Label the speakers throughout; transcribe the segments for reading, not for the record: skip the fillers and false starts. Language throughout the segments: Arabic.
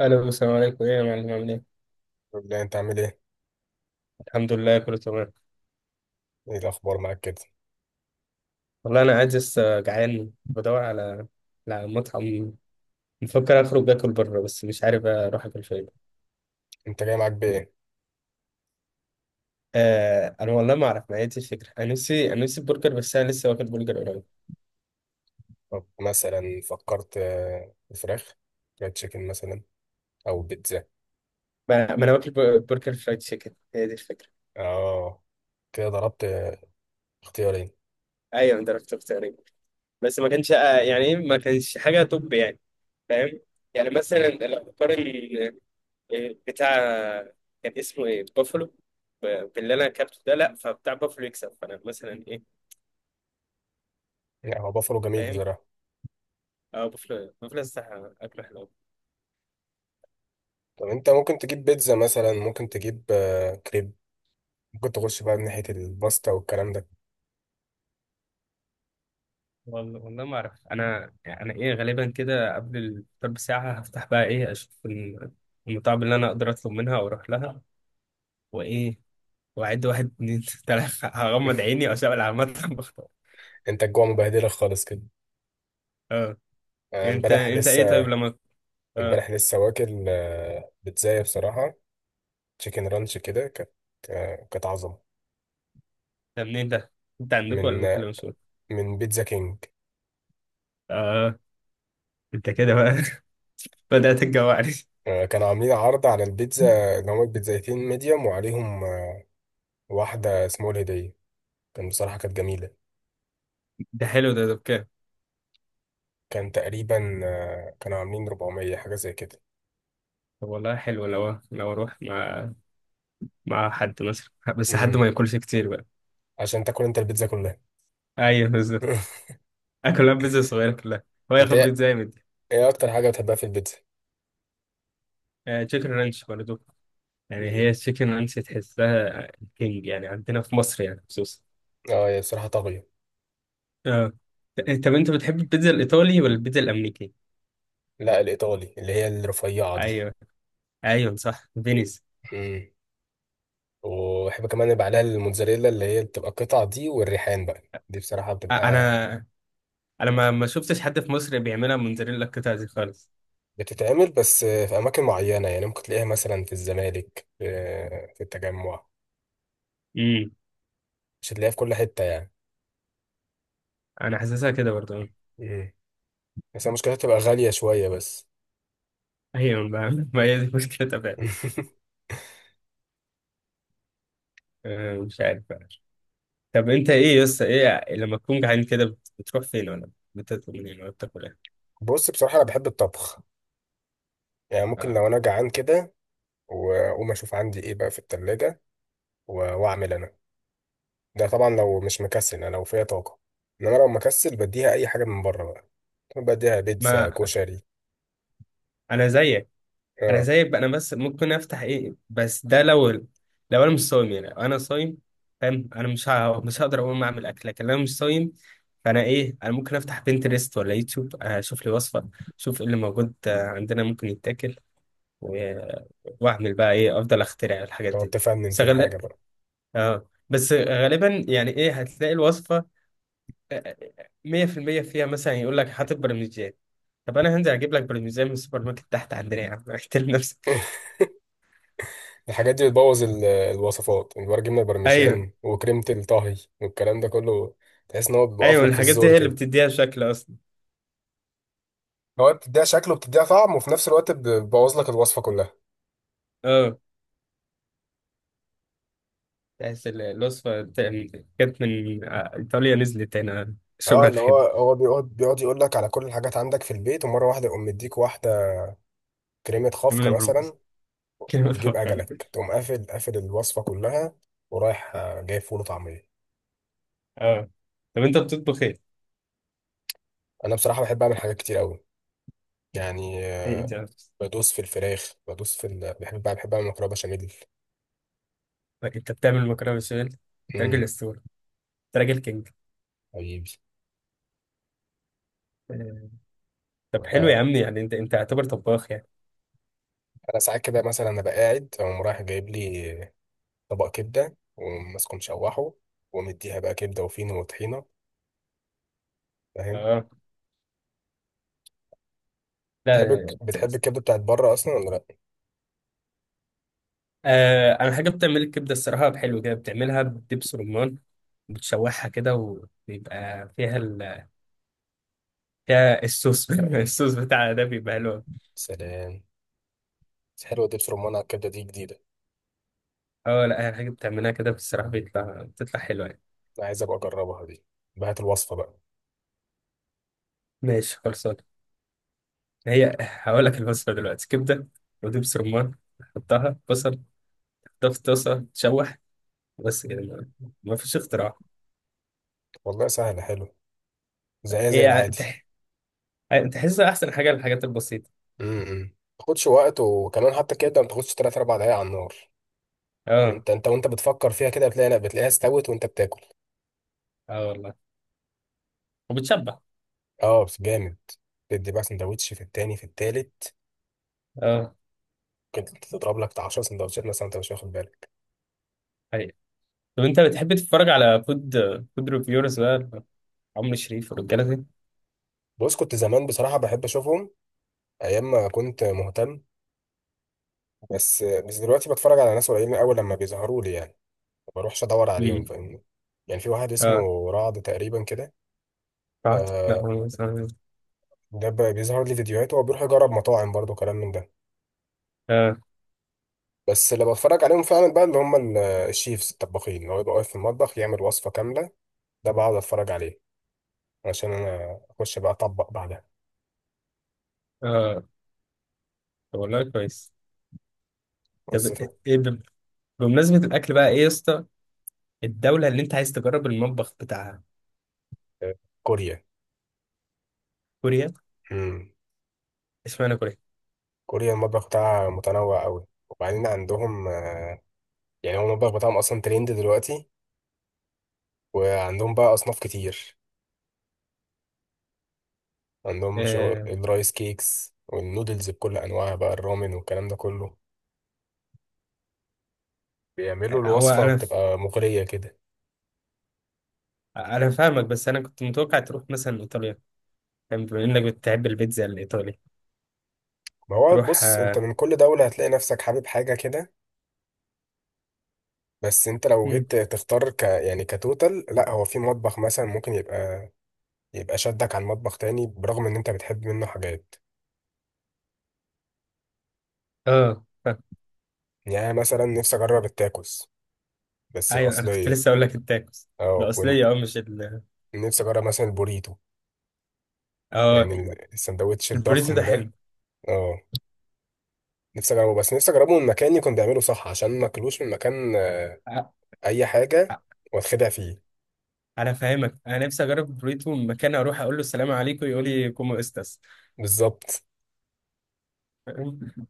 Speaker 1: الو، السلام عليكم، ايه يا معلم، عامل ايه؟
Speaker 2: طب لا انت عامل ايه؟
Speaker 1: الحمد لله، كله تمام.
Speaker 2: ايه الاخبار معاك كده؟
Speaker 1: والله انا قاعد لسه جعان بدور على مطعم. بفكر اخرج اكل بره، بس مش عارف اروح اكل فين.
Speaker 2: انت جاي معاك بايه؟
Speaker 1: آه، انا والله ما اعرف، ما هي دي الفكره، انا نفسي برجر، بس انا لسه واكل برجر قريب.
Speaker 2: طب مثلا فكرت في فراخ فرايد تشيكن مثلا، او بيتزا.
Speaker 1: ما انا واكل برجر فرايد تشيكن، هي دي الفكره.
Speaker 2: اه، كده ضربت اختيارين.
Speaker 1: ايوه، انا ضربت اختيارين. بس ما كانش يعني إيه، ما كانش حاجه توب يعني. فاهم. يعني مثلا لو بقارن بتاع، كان اسمه ايه، بافلو، باللي انا اكلته ده، لا، فبتاع بافلو يكسب، فانا مثلا ايه.
Speaker 2: يعني هو بافلو جميل
Speaker 1: فاهم.
Speaker 2: بصراحه.
Speaker 1: اه، بافلو بافلو صح، اكله حلو.
Speaker 2: طب انت ممكن تجيب بيتزا مثلا، ممكن تجيب كريب، ممكن تخش بقى من ناحيه الباستا والكلام ده.
Speaker 1: والله والله ما اعرف، انا يعني انا ايه، غالبا كده قبل الفطار بساعه هفتح بقى، ايه، اشوف المطاعم اللي انا اقدر اطلب منها واروح لها، وايه، واعد واحد اتنين تلاته، هغمض عيني واشغل على المطعم بختار.
Speaker 2: انت الجوع مبهدلك خالص كده.
Speaker 1: اه.
Speaker 2: انا
Speaker 1: انت
Speaker 2: امبارح
Speaker 1: انت ايه، طيب
Speaker 2: لسه
Speaker 1: لما، اه،
Speaker 2: امبارح لسه واكل بيتزايه بصراحه، تشيكن رانش كده كانت كانت عظمه.
Speaker 1: ده منين ده؟ انت عندكم ولا
Speaker 2: من
Speaker 1: محل مشهور؟
Speaker 2: من بيتزا كينج.
Speaker 1: اه، انت كده بقى، بدأت تجوعني.
Speaker 2: كانوا عاملين عرض على البيتزا اللي هما البيتزايتين ميديوم، وعليهم واحدة اسمها الهدية، كان بصراحة كانت جميلة.
Speaker 1: ده حلو ده بكام؟
Speaker 2: كان تقريبا كانوا عاملين 400 حاجة زي كده.
Speaker 1: طب والله حلو، لو اروح مع حد مثلا، بس حد
Speaker 2: امم.
Speaker 1: ما ياكلش كتير بقى.
Speaker 2: عشان تاكل انت البيتزا كلها.
Speaker 1: ايوه، بالظبط. اكلها بيتزا صغيره كلها، هو
Speaker 2: انت
Speaker 1: ياخد
Speaker 2: ايه
Speaker 1: بيتزا جامد.
Speaker 2: إيه اكتر حاجة بتحبها في البيتزا؟
Speaker 1: آه، تشيكن رانش برضه، يعني
Speaker 2: امم.
Speaker 1: هي التشيكن رانش تحسها كينج يعني، عندنا في مصر يعني، خصوصا.
Speaker 2: اه، هي بصراحة طاغية.
Speaker 1: اه. طب انت بتحب البيتزا الايطالي ولا البيتزا الامريكي؟
Speaker 2: لا، الإيطالي اللي هي الرفيعة دي.
Speaker 1: ايوه. ايوه، صح، فينيس.
Speaker 2: امم. وبحب كمان يبقى عليها الموتزاريلا اللي هي بتبقى القطع دي والريحان بقى. دي بصراحة بتبقى
Speaker 1: انا انا ما شفتش حد في مصر بيعملها موتزاريلا القطع دي خالص.
Speaker 2: بتتعمل بس في أماكن معينة، يعني ممكن تلاقيها مثلا في الزمالك، في التجمع.
Speaker 1: امم.
Speaker 2: مش هتلاقيها في كل حتة يعني.
Speaker 1: انا حاسسها كده برضه.
Speaker 2: مم. بس هي مشكلتها تبقى غالية شوية بس.
Speaker 1: ايوه بقى، ما هي دي مشكلتها فعلا. مش عارف بقى. طب انت ايه يا اسطى، ايه لما تكون جعان كده بتروح فين، ولا بتطلب منين، ولا بتاكل ايه؟
Speaker 2: بص، بصراحة أنا بحب الطبخ. يعني ممكن
Speaker 1: آه.
Speaker 2: لو أنا جعان كده وأقوم أشوف عندي إيه بقى في التلاجة، و- وأعمل أنا، ده طبعا لو مش مكسل، أنا لو فيا طاقة. إنما لو مكسل بديها أي حاجة من بره بقى، بديها بيتزا،
Speaker 1: ما
Speaker 2: كشري.
Speaker 1: انا زيك، انا
Speaker 2: أه.
Speaker 1: زيك بقى، انا بس ممكن افتح، ايه، بس ده لو انا مش صايم، يعني لو انا صايم، فاهم، انا مش هقدر اقوم اعمل اكل، لكن لو انا مش صايم، فانا ايه، انا ممكن افتح بنترست ولا يوتيوب، اشوف لي وصفه، اشوف ايه اللي موجود عندنا ممكن يتاكل، و- واعمل بقى ايه، افضل اخترع الحاجات
Speaker 2: تقعد
Speaker 1: دي.
Speaker 2: تفنن
Speaker 1: بس
Speaker 2: في
Speaker 1: غال-
Speaker 2: الحاجة بقى.
Speaker 1: اه، بس غالبا يعني، ايه، هتلاقي الوصفه 100% فيها، مثلا يقول لك حاطط برمجيات. طب انا هنزل اجيب لك برمجيات من السوبر ماركت تحت عندنا، يا عم، احترم نفسك.
Speaker 2: الحاجات دي بتبوظ الوصفات، الورق جبنة،
Speaker 1: ايوه.
Speaker 2: البرمجان وكريمة الطهي والكلام ده كله. تحس ان هو بيوقف
Speaker 1: ايوه،
Speaker 2: لك في
Speaker 1: الحاجات دي
Speaker 2: الزور
Speaker 1: هي اللي
Speaker 2: كده.
Speaker 1: بتديها شكل اصلا.
Speaker 2: هو بتديها شكل وبتديها طعم وفي نفس الوقت بتبوظ لك الوصفة كلها.
Speaker 1: اه، تحس الوصفة كانت من ايطاليا، نزلت هنا شغل
Speaker 2: اه، اللي هو
Speaker 1: الخيمة.
Speaker 2: هو بيقعد يقول لك على كل الحاجات عندك في البيت، ومرة واحدة يقوم مديك واحدة كريمة خفق
Speaker 1: كلمة برمز،
Speaker 2: مثلا.
Speaker 1: كلمة
Speaker 2: تجيب
Speaker 1: حوار.
Speaker 2: أجلك تقوم قافل الوصفة كلها، ورايح جايب فول وطعمية.
Speaker 1: اه. طب انت بتطبخ ايه؟
Speaker 2: أنا بصراحة بحب أعمل حاجات كتير أوي. يعني
Speaker 1: ايه انت،
Speaker 2: بدوس في الفراخ، بحب أعمل مكرونة بشاميل.
Speaker 1: انت بتعمل مكرونة بشاميل؟ انت
Speaker 2: امم.
Speaker 1: راجل اسطورة، انت راجل كينج.
Speaker 2: حبيبي.
Speaker 1: آه، طب حلو يا عم، يعني انت اعتبر طباخ يعني.
Speaker 2: انا ساعات كده مثلا انا قاعد اقوم رايح جايب لي طبق كبده وماسكه مشوحه، ومديها بقى كبده وفينو وطحينه، فاهم.
Speaker 1: اه.
Speaker 2: بتحب
Speaker 1: لا.
Speaker 2: بتحب الكبده بتاعت بره اصلا ولا لا؟
Speaker 1: آه، انا حاجه بتعمل الكبده، الصراحه حلو كده، بتعملها بدبس رمان، بتشوحها كده، وبيبقى فيها فيها الصوص الصوص بتاعها ده بيبقى حلو.
Speaker 2: سلام. بس حلوه دبس رمان على الكبده دي، جديده.
Speaker 1: اه. لا، هي حاجه بتعملها كده بصراحه، بتطلع حلوه يعني.
Speaker 2: انا عايز ابقى اجربها دي، بهات الوصفه بقى.
Speaker 1: ماشي، خلصان. هي هقول لك الوصفه دلوقتي، كبده ودبس رمان، حطها بصل، حطها في طاسه تشوح، بس كده، ما فيش اختراع.
Speaker 2: والله سهله، حلو، زيها زي
Speaker 1: ايه،
Speaker 2: العادي.
Speaker 1: تحس احسن حاجه، الحاجات البسيطه.
Speaker 2: امم. ما تاخدش وقت، وكمان حتى الكبده ما تاخدش 3 4 دقايق على النار.
Speaker 1: اه.
Speaker 2: انت وانت بتفكر فيها كده بتلاقي، لا بتلاقيها استوت وانت بتاكل.
Speaker 1: اه والله، وبتشبع.
Speaker 2: اه، بس جامد، تدي بقى سندوتش في التاني في التالت،
Speaker 1: اه.
Speaker 2: كنت تضرب لك بتاع 10 سندوتشات مثلا انت مش واخد بالك.
Speaker 1: طب انت بتحب تتفرج على فود ريفيورز بقى، عمرو شريف والرجاله دي؟
Speaker 2: بص، كنت زمان بصراحه بحب اشوفهم ايام ما كنت مهتم. بس دلوقتي بتفرج على ناس قليلين قوي لما بيظهروا لي يعني، ما بروحش ادور عليهم
Speaker 1: امم.
Speaker 2: فاهمني. يعني في واحد
Speaker 1: اه.
Speaker 2: اسمه رعد تقريبا كده،
Speaker 1: قعدت، لا
Speaker 2: آه.
Speaker 1: هو مثلا،
Speaker 2: ده بيظهر لي فيديوهاته وبيروح يجرب مطاعم برضه كلام من ده.
Speaker 1: اه.
Speaker 2: بس اللي بتفرج عليهم فعلا بقى اللي هم الشيفز الطباخين، اللي هو يبقى واقف في المطبخ يعمل وصفه كامله، ده بقعد اتفرج عليه عشان انا اخش بقى اطبق بعدها.
Speaker 1: اه، طب والله كويس. طب،
Speaker 2: بس
Speaker 1: ايه، بمناسبة الأكل بقى، ايه يا اسطى، الدولة اللي انت عايز تجرب المطبخ بتاعها؟
Speaker 2: آه، كوريا.
Speaker 1: كوريا.
Speaker 2: مم.
Speaker 1: اشمعنى كوريا؟
Speaker 2: كوريا المطبخ بتاعها متنوع قوي، وبعدين عندهم يعني هو المطبخ بتاعهم اصلا ترند دلوقتي، وعندهم بقى اصناف كتير، عندهم شو
Speaker 1: آه.
Speaker 2: الرايس كيكس والنودلز بكل انواعها بقى، الرامن والكلام ده كله، بيعملوا
Speaker 1: هو
Speaker 2: الوصفة
Speaker 1: انا
Speaker 2: بتبقى مغرية كده.
Speaker 1: انا فاهمك، بس انا كنت متوقع تروح مثلا ايطاليا. فاهم؟ بما انك بتحب البيتزا الايطالي،
Speaker 2: ما هو
Speaker 1: تروح.
Speaker 2: بص، انت
Speaker 1: اه.
Speaker 2: من كل دولة هتلاقي نفسك حابب حاجة كده. بس انت لو
Speaker 1: مم.
Speaker 2: جيت تختار يعني كتوتال، لا، هو في مطبخ مثلا ممكن يبقى شدك عن مطبخ تاني برغم ان انت بتحب منه حاجات.
Speaker 1: اه، فاهم.
Speaker 2: يعني أنا مثلا نفسي اجرب التاكوس، بس
Speaker 1: ايوه، انا كنت
Speaker 2: الاصلية.
Speaker 1: لسه اقول لك التاكوس
Speaker 2: اه.
Speaker 1: الاصليه، اه، مش ال.
Speaker 2: ونفسي اجرب مثلا البوريتو،
Speaker 1: اه.
Speaker 2: يعني السندوتش
Speaker 1: البوريتو
Speaker 2: الضخم
Speaker 1: ده حلو.
Speaker 2: ده. اه، نفسي اجربه، بس نفسي اجربه من مكان يكون بيعمله صح عشان ما اكلوش من مكان
Speaker 1: ع-
Speaker 2: اي حاجه
Speaker 1: ع-
Speaker 2: واتخدع فيه.
Speaker 1: انا فاهمك، انا نفسي اجرب البوريتو من مكان، اروح اقول له السلام عليكم، يقول لي كومو استاس.
Speaker 2: بالظبط.
Speaker 1: فاهم؟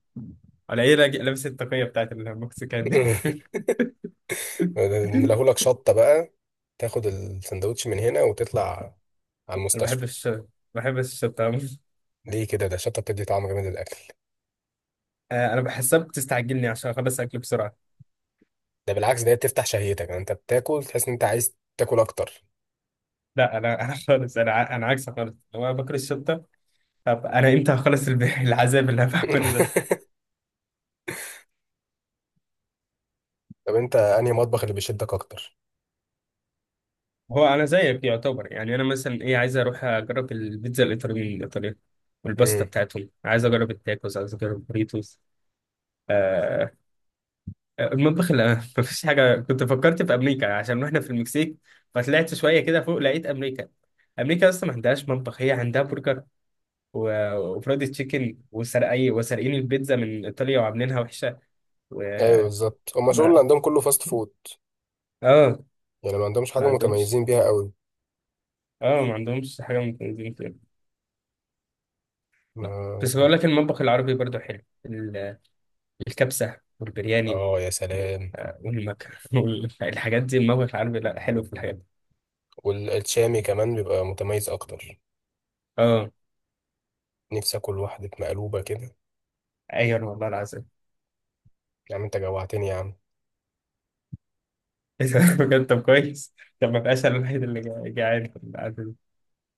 Speaker 1: ولا ايه، راجل لابس التقيه بتاعت المكسيكان دي
Speaker 2: نلاهولك شطه بقى، تاخد السندوتش من هنا وتطلع على
Speaker 1: انا بحب
Speaker 2: المستشفى.
Speaker 1: الشطه، بحب الشطه أوي.
Speaker 2: ليه كده؟ ده الشطه بتدي طعم جامد للاكل.
Speaker 1: انا بحسها بتستعجلني عشان اخلص اكل بسرعه.
Speaker 2: ده بالعكس، ده هي بتفتح شهيتك، يعني انت بتاكل تحس ان انت عايز تاكل اكتر.
Speaker 1: لا، انا انا خالص، انا عكسك خالص، لو انا باكل الشطه، طب انا امتى هخلص العذاب اللي انا بعمله ده.
Speaker 2: طب انت انهي مطبخ اللي بيشدك اكتر؟
Speaker 1: هو انا زيك يعتبر يعني، انا مثلا ايه، عايز اروح اجرب البيتزا الايطاليه الايطاليه والباستا
Speaker 2: مم.
Speaker 1: بتاعتهم، عايز اجرب التاكوز، عايز اجرب البوريتوس. آه. المطبخ اللي ما فيش حاجه، كنت فكرت في امريكا عشان واحنا في المكسيك، فطلعت شويه كده فوق لقيت امريكا. امريكا اصلا ما عندهاش مطبخ، هي عندها برجر وفرايد تشيكن، وسرقي وسارقين البيتزا من ايطاليا وعاملينها وحشه، و
Speaker 2: ايوه بالظبط، هما الشغل اللي
Speaker 1: ما-
Speaker 2: عندهم كله فاست فود،
Speaker 1: اه،
Speaker 2: يعني ما عندهمش حاجه
Speaker 1: ما عندهمش.
Speaker 2: متميزين بيها قوي.
Speaker 1: اه، ما عندهمش حاجه من التنظيم كده. بس
Speaker 2: ما-
Speaker 1: بقول لك المطبخ العربي برضه حلو، الكبسة والبرياني،
Speaker 2: اه، يا سلام.
Speaker 1: والمكرونة والحاجات دي، الموقف العربي لا، حلو في الحاجات دي.
Speaker 2: والشامي كمان بيبقى متميز اكتر،
Speaker 1: اه.
Speaker 2: نفسي اكل واحده مقلوبه كده.
Speaker 1: ايوه والله العظيم.
Speaker 2: يا عم انت جوعتني يا عم.
Speaker 1: إيه ده؟ بجد، طب كويس. طب، ما بقاش انا الوحيد اللي جعان في القعدة دي.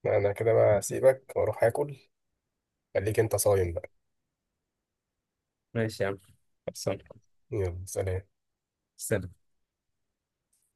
Speaker 2: انا كده بقى اسيبك واروح اكل، خليك انت صايم بقى.
Speaker 1: ماشي يا عم، خلصان.
Speaker 2: يلا، سلام.
Speaker 1: سلام.